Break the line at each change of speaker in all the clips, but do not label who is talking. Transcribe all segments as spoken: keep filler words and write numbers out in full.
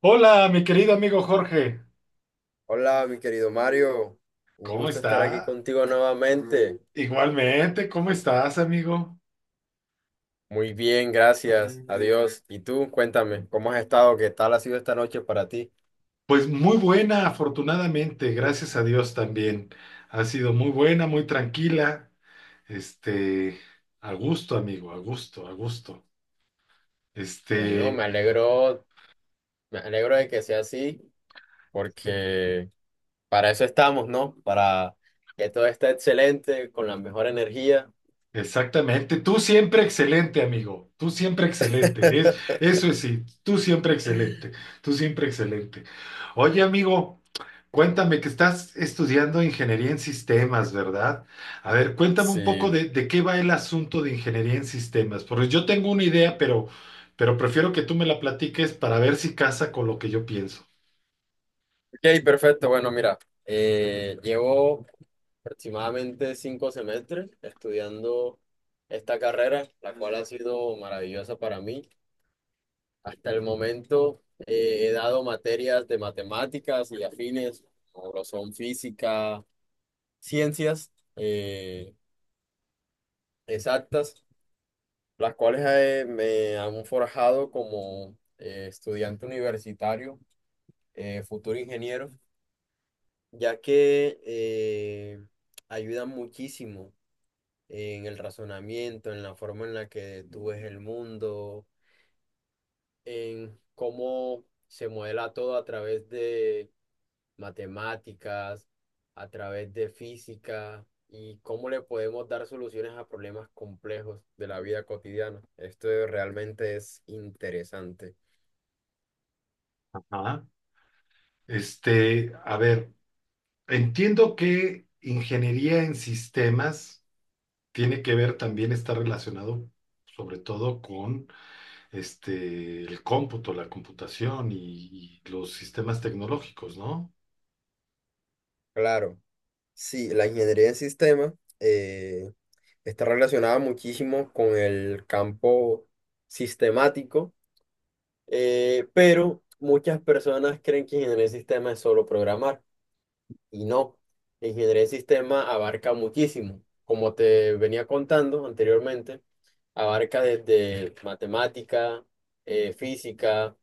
Hola, mi querido amigo Jorge.
Hola, mi querido Mario. Un
¿Cómo
gusto estar aquí
está?
contigo nuevamente.
Igualmente, ¿cómo estás, amigo?
Muy bien, gracias. Adiós. ¿Y tú? Cuéntame, ¿cómo has estado? ¿Qué tal ha sido esta noche para ti?
Pues muy buena, afortunadamente, gracias a Dios también. Ha sido muy buena, muy tranquila. Este, a gusto, amigo, a gusto, a gusto.
Bueno,
Este,
me alegro, me alegro de que sea así, porque para eso estamos, ¿no? Para que todo esté excelente, con la mejor energía.
Exactamente, tú siempre excelente, amigo, tú siempre excelente, es, eso es sí, tú siempre excelente, tú siempre excelente. Oye, amigo, cuéntame que estás estudiando ingeniería en sistemas, ¿verdad? A ver, cuéntame un poco
Sí.
de, de qué va el asunto de ingeniería en sistemas, porque yo tengo una idea, pero, pero prefiero que tú me la platiques para ver si casa con lo que yo pienso.
Ok, perfecto. Bueno, mira, eh, llevo aproximadamente cinco semestres estudiando esta carrera, la cual ha sido maravillosa para mí. Hasta el momento eh, he dado materias de matemáticas y afines, como lo son física, ciencias eh, exactas, las cuales eh, me han forjado como eh, estudiante universitario, eh, futuro ingeniero, ya que eh, ayudan muchísimo en el razonamiento, en la forma en la que tú ves el mundo, en cómo se modela todo a través de matemáticas, a través de física y cómo le podemos dar soluciones a problemas complejos de la vida cotidiana. Esto realmente es interesante.
Ajá. Este, a ver, entiendo que ingeniería en sistemas tiene que ver también, está relacionado sobre todo con este, el cómputo, la computación y, y los sistemas tecnológicos, ¿no?
Claro, sí, la ingeniería en sistemas eh, está relacionada muchísimo con el campo sistemático. Eh, pero muchas personas creen que ingeniería de sistema es solo programar y no. Ingeniería de sistema abarca muchísimo. Como te venía contando anteriormente, abarca desde matemática, eh, física,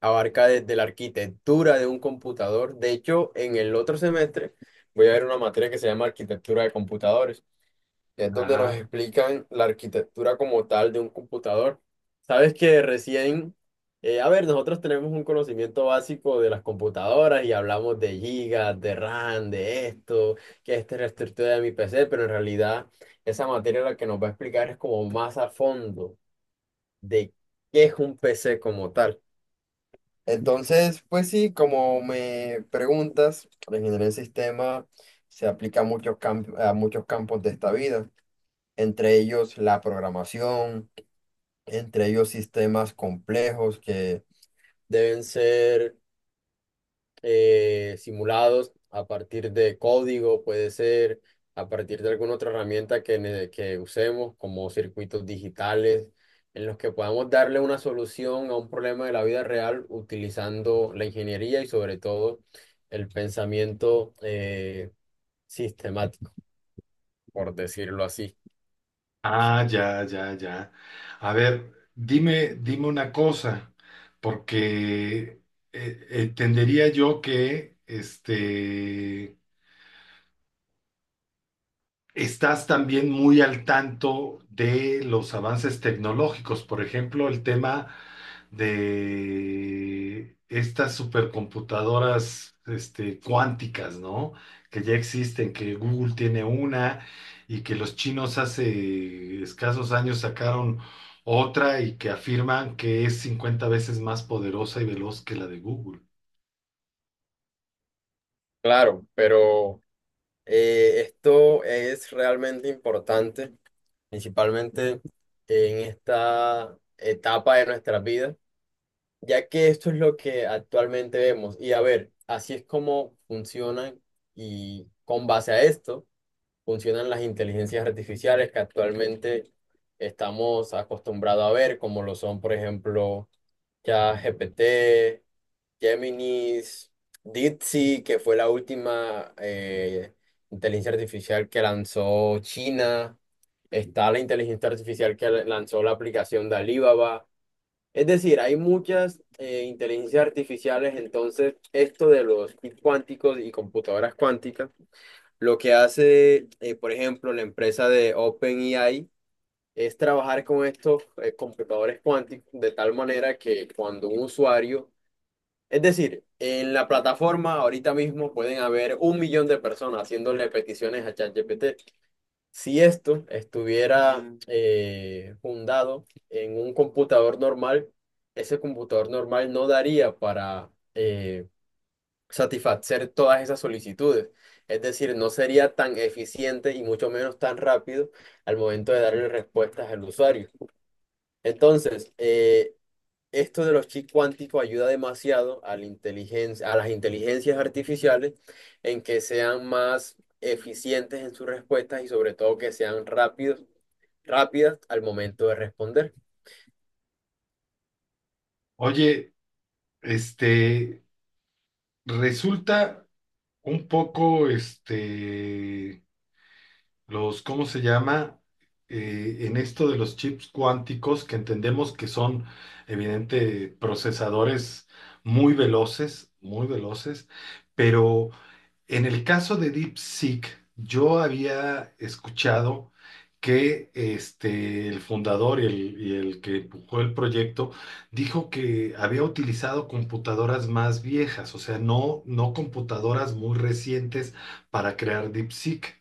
abarca desde la arquitectura de un computador. De hecho, en el otro semestre voy a ver una materia que se llama arquitectura de computadores, es donde nos
Ajá.
explican la arquitectura como tal de un computador. Sabes que recién, eh, a ver, nosotros tenemos un conocimiento básico de las computadoras y hablamos de gigas, de RAM, de esto, que esta es la estructura de mi P C, pero en realidad esa materia la que nos va a explicar es como más a fondo de qué es un P C como tal. Entonces, pues sí, como me preguntas, la ingeniería del sistema se aplica a muchos camp- a muchos campos de esta vida, entre ellos la programación, entre ellos sistemas complejos que deben ser eh, simulados a partir de código, puede ser a partir de alguna otra herramienta que, ne- que usemos, como circuitos digitales, en los que podamos darle una solución a un problema de la vida real utilizando la ingeniería y sobre todo el pensamiento eh, sistemático, por decirlo así.
Ah, ya, ya, ya. A ver, dime, dime una cosa, porque eh, entendería yo que este estás también muy al tanto de los avances tecnológicos, por ejemplo, el tema de estas supercomputadoras, este, cuánticas, ¿no? Que ya existen, que Google tiene una y que los chinos hace escasos años sacaron otra y que afirman que es cincuenta veces más poderosa y veloz que la de Google.
Claro, pero... Eh, esto es realmente importante, principalmente en esta etapa de nuestras vidas, ya que esto es lo que actualmente vemos. Y a ver, así es como funcionan, y con base a esto funcionan las inteligencias artificiales que actualmente estamos acostumbrados a ver, como lo son, por ejemplo, ChatGPT, Géminis, DeepSeek, que fue la última eh, inteligencia artificial que lanzó China. Está la inteligencia artificial que lanzó la aplicación de Alibaba. Es decir, hay muchas eh, inteligencias artificiales. Entonces, esto de los kits cuánticos y computadoras cuánticas, lo que hace, eh, por ejemplo, la empresa de OpenAI, es trabajar con estos eh, computadores cuánticos de tal manera que cuando un usuario, es decir, en la plataforma ahorita mismo pueden haber un millón de personas haciéndole peticiones a ChatGPT. Si esto estuviera Mm. eh, fundado en un computador normal, ese computador normal no daría para eh, satisfacer todas esas solicitudes. Es decir, no sería tan eficiente y mucho menos tan rápido al momento de darle respuestas al usuario. Entonces, eh, esto de los chips cuánticos ayuda demasiado a la inteligencia, a las inteligencias artificiales en que sean más eficientes en sus respuestas y sobre todo que sean rápidos, rápidas al momento de responder.
Oye, este, resulta un poco, este, los, ¿cómo se llama? Eh, en esto de los chips cuánticos, que entendemos que son, evidente, procesadores muy veloces, muy veloces, pero en el caso de DeepSeek, yo había escuchado que este, el fundador y el, y el que empujó el proyecto dijo que había utilizado computadoras más viejas, o sea, no, no computadoras muy recientes para crear DeepSeek.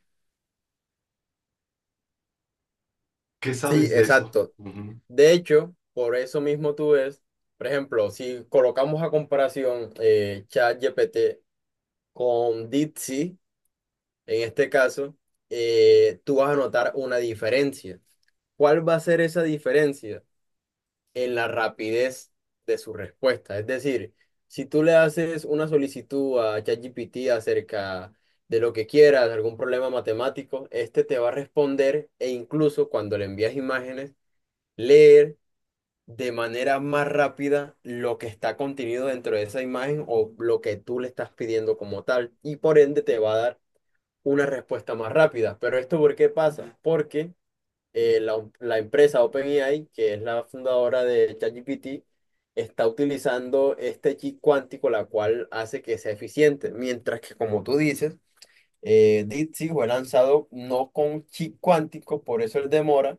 ¿Qué
Sí,
sabes de eso?
exacto.
Ujú.
De hecho, por eso mismo tú ves, por ejemplo, si colocamos a comparación eh, ChatGPT con DeepSeek, en este caso, eh, tú vas a notar una diferencia. ¿Cuál va a ser esa diferencia? En la rapidez de su respuesta. Es decir, si tú le haces una solicitud a ChatGPT acerca de lo que quieras, de algún problema matemático, este te va a responder, e incluso cuando le envías imágenes, leer de manera más rápida lo que está contenido dentro de esa imagen o lo que tú le estás pidiendo como tal, y por ende te va a dar una respuesta más rápida. Pero esto, ¿por qué pasa? Porque eh, la, la empresa OpenAI, que es la fundadora de ChatGPT, está utilizando este chip cuántico, la cual hace que sea eficiente. Mientras que, como tú dices, eh, DeepSeek fue lanzado no con chip cuántico, por eso el demora,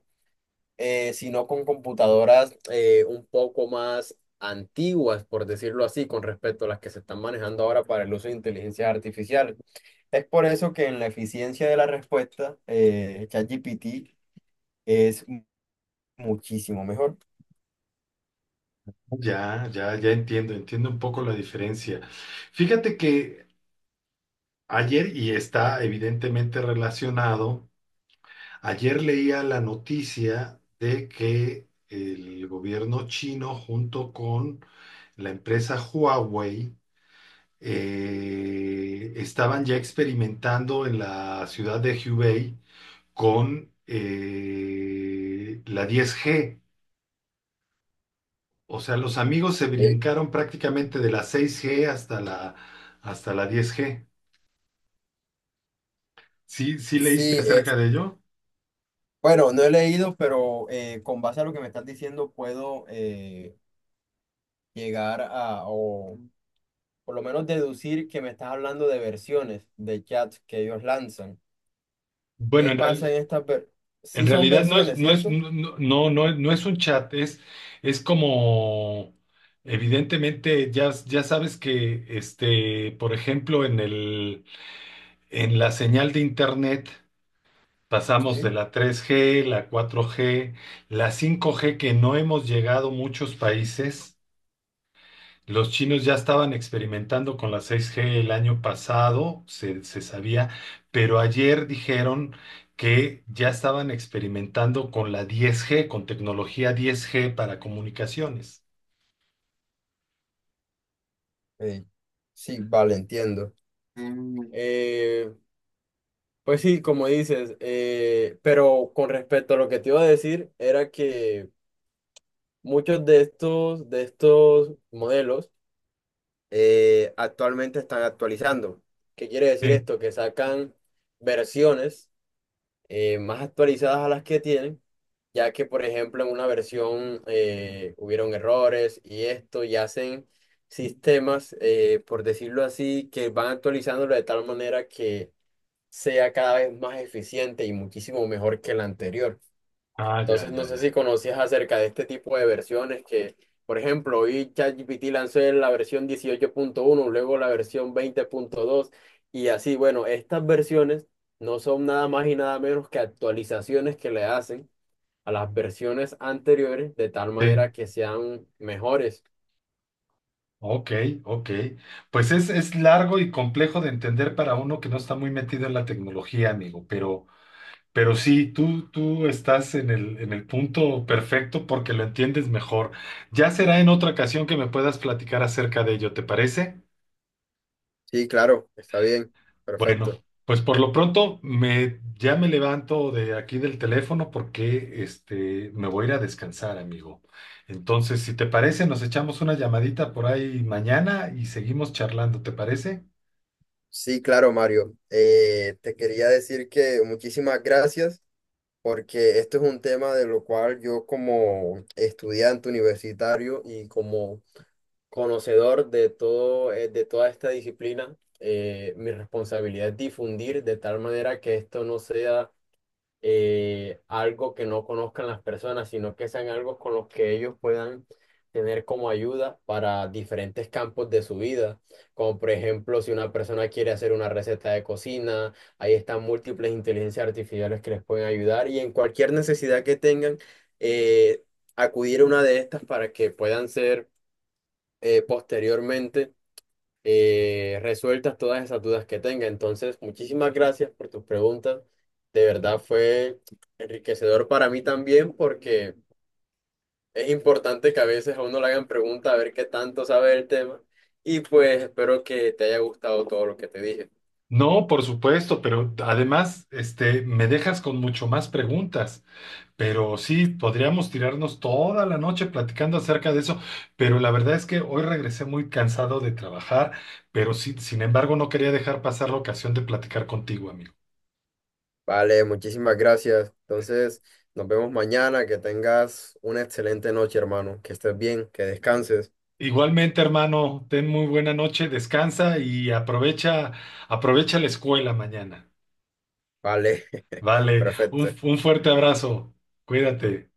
eh, sino con computadoras eh, un poco más antiguas, por decirlo así, con respecto a las que se están manejando ahora para el uso de inteligencia artificial. Es por eso que en la eficiencia de la respuesta, eh, ChatGPT es muchísimo mejor.
Ya, ya, ya entiendo, entiendo un poco la diferencia. Fíjate que ayer, y está evidentemente relacionado, ayer leía la noticia de que el gobierno chino junto con la empresa Huawei eh, estaban ya experimentando en la ciudad de Hubei con eh, la diez G. O sea, los amigos se
Eh,
brincaron prácticamente de la seis G hasta la, hasta la diez G. ¿Sí, sí
Sí,
leíste
es,
acerca de ello?
bueno, no he leído, pero eh, con base a lo que me estás diciendo puedo eh, llegar a, o por lo menos deducir que me estás hablando de versiones de chats que ellos lanzan.
Bueno,
¿Qué
en
pasa
real-
en estas versiones?
en
Sí son
realidad no es,
versiones,
no es,
¿cierto?
no, no, no es no es un chat, es, es como, evidentemente, ya, ya sabes que, este, por ejemplo, en el, en la señal de internet pasamos de
Sí.
la tres G, la cuatro G, la cinco G, que no hemos llegado muchos países. Los chinos ya estaban experimentando con la seis G el año pasado, se, se sabía, pero ayer dijeron que ya estaban experimentando con la diez G, con tecnología diez G para comunicaciones.
Eh, sí, vale, entiendo. Mm, Eh, pues sí, como dices, eh, pero con respecto a lo que te iba a decir, era que muchos de estos, de estos modelos, eh, actualmente están actualizando. ¿Qué quiere decir
Sí.
esto? Que sacan versiones eh, más actualizadas a las que tienen, ya que, por ejemplo, en una versión eh, hubieron errores y esto, y hacen sistemas, eh, por decirlo así, que van actualizándolo de tal manera que sea cada vez más eficiente y muchísimo mejor que el anterior.
Ah, ya,
Entonces, no
ya,
sé si
ya.
conocías acerca de este tipo de versiones que, por ejemplo, hoy ChatGPT lanzó la versión dieciocho punto uno, luego la versión veinte punto dos, y así. Bueno, estas versiones no son nada más y nada menos que actualizaciones que le hacen a las versiones anteriores de tal
Sí.
manera que sean mejores.
Ok, ok. Pues es, es largo y complejo de entender para uno que no está muy metido en la tecnología, amigo, pero, Pero sí, tú, tú estás en el, en el punto perfecto porque lo entiendes mejor. Ya será en otra ocasión que me puedas platicar acerca de ello, ¿te parece?
Sí, claro, está bien, perfecto.
Bueno, pues por lo pronto me, ya me levanto de aquí del teléfono porque este, me voy a ir a descansar, amigo. Entonces, si te parece, nos echamos una llamadita por ahí mañana y seguimos charlando, ¿te parece?
Sí, claro, Mario. Eh, te quería decir que muchísimas gracias, porque esto es un tema de lo cual yo como estudiante universitario y como conocedor de todo, eh, de toda esta disciplina, eh, mi responsabilidad es difundir de tal manera que esto no sea eh, algo que no conozcan las personas, sino que sean algo con los que ellos puedan tener como ayuda para diferentes campos de su vida, como por ejemplo si una persona quiere hacer una receta de cocina, ahí están múltiples inteligencias artificiales que les pueden ayudar y en cualquier necesidad que tengan, eh, acudir a una de estas para que puedan ser eh, posteriormente eh, resueltas todas esas dudas que tenga. Entonces, muchísimas gracias por tus preguntas. De verdad fue enriquecedor para mí también porque es importante que a veces a uno le hagan preguntas a ver qué tanto sabe del tema. Y pues espero que te haya gustado todo lo que te dije.
No, por supuesto, pero además, este, me dejas con mucho más preguntas. Pero sí, podríamos tirarnos toda la noche platicando acerca de eso, pero la verdad es que hoy regresé muy cansado de trabajar, pero sí, sin embargo, no quería dejar pasar la ocasión de platicar contigo, amigo.
Vale, muchísimas gracias. Entonces, nos vemos mañana. Que tengas una excelente noche, hermano. Que estés bien, que descanses.
Igualmente, hermano, ten muy buena noche, descansa y aprovecha, aprovecha la escuela mañana.
Vale,
Vale, un,
perfecto.
un fuerte abrazo. Cuídate.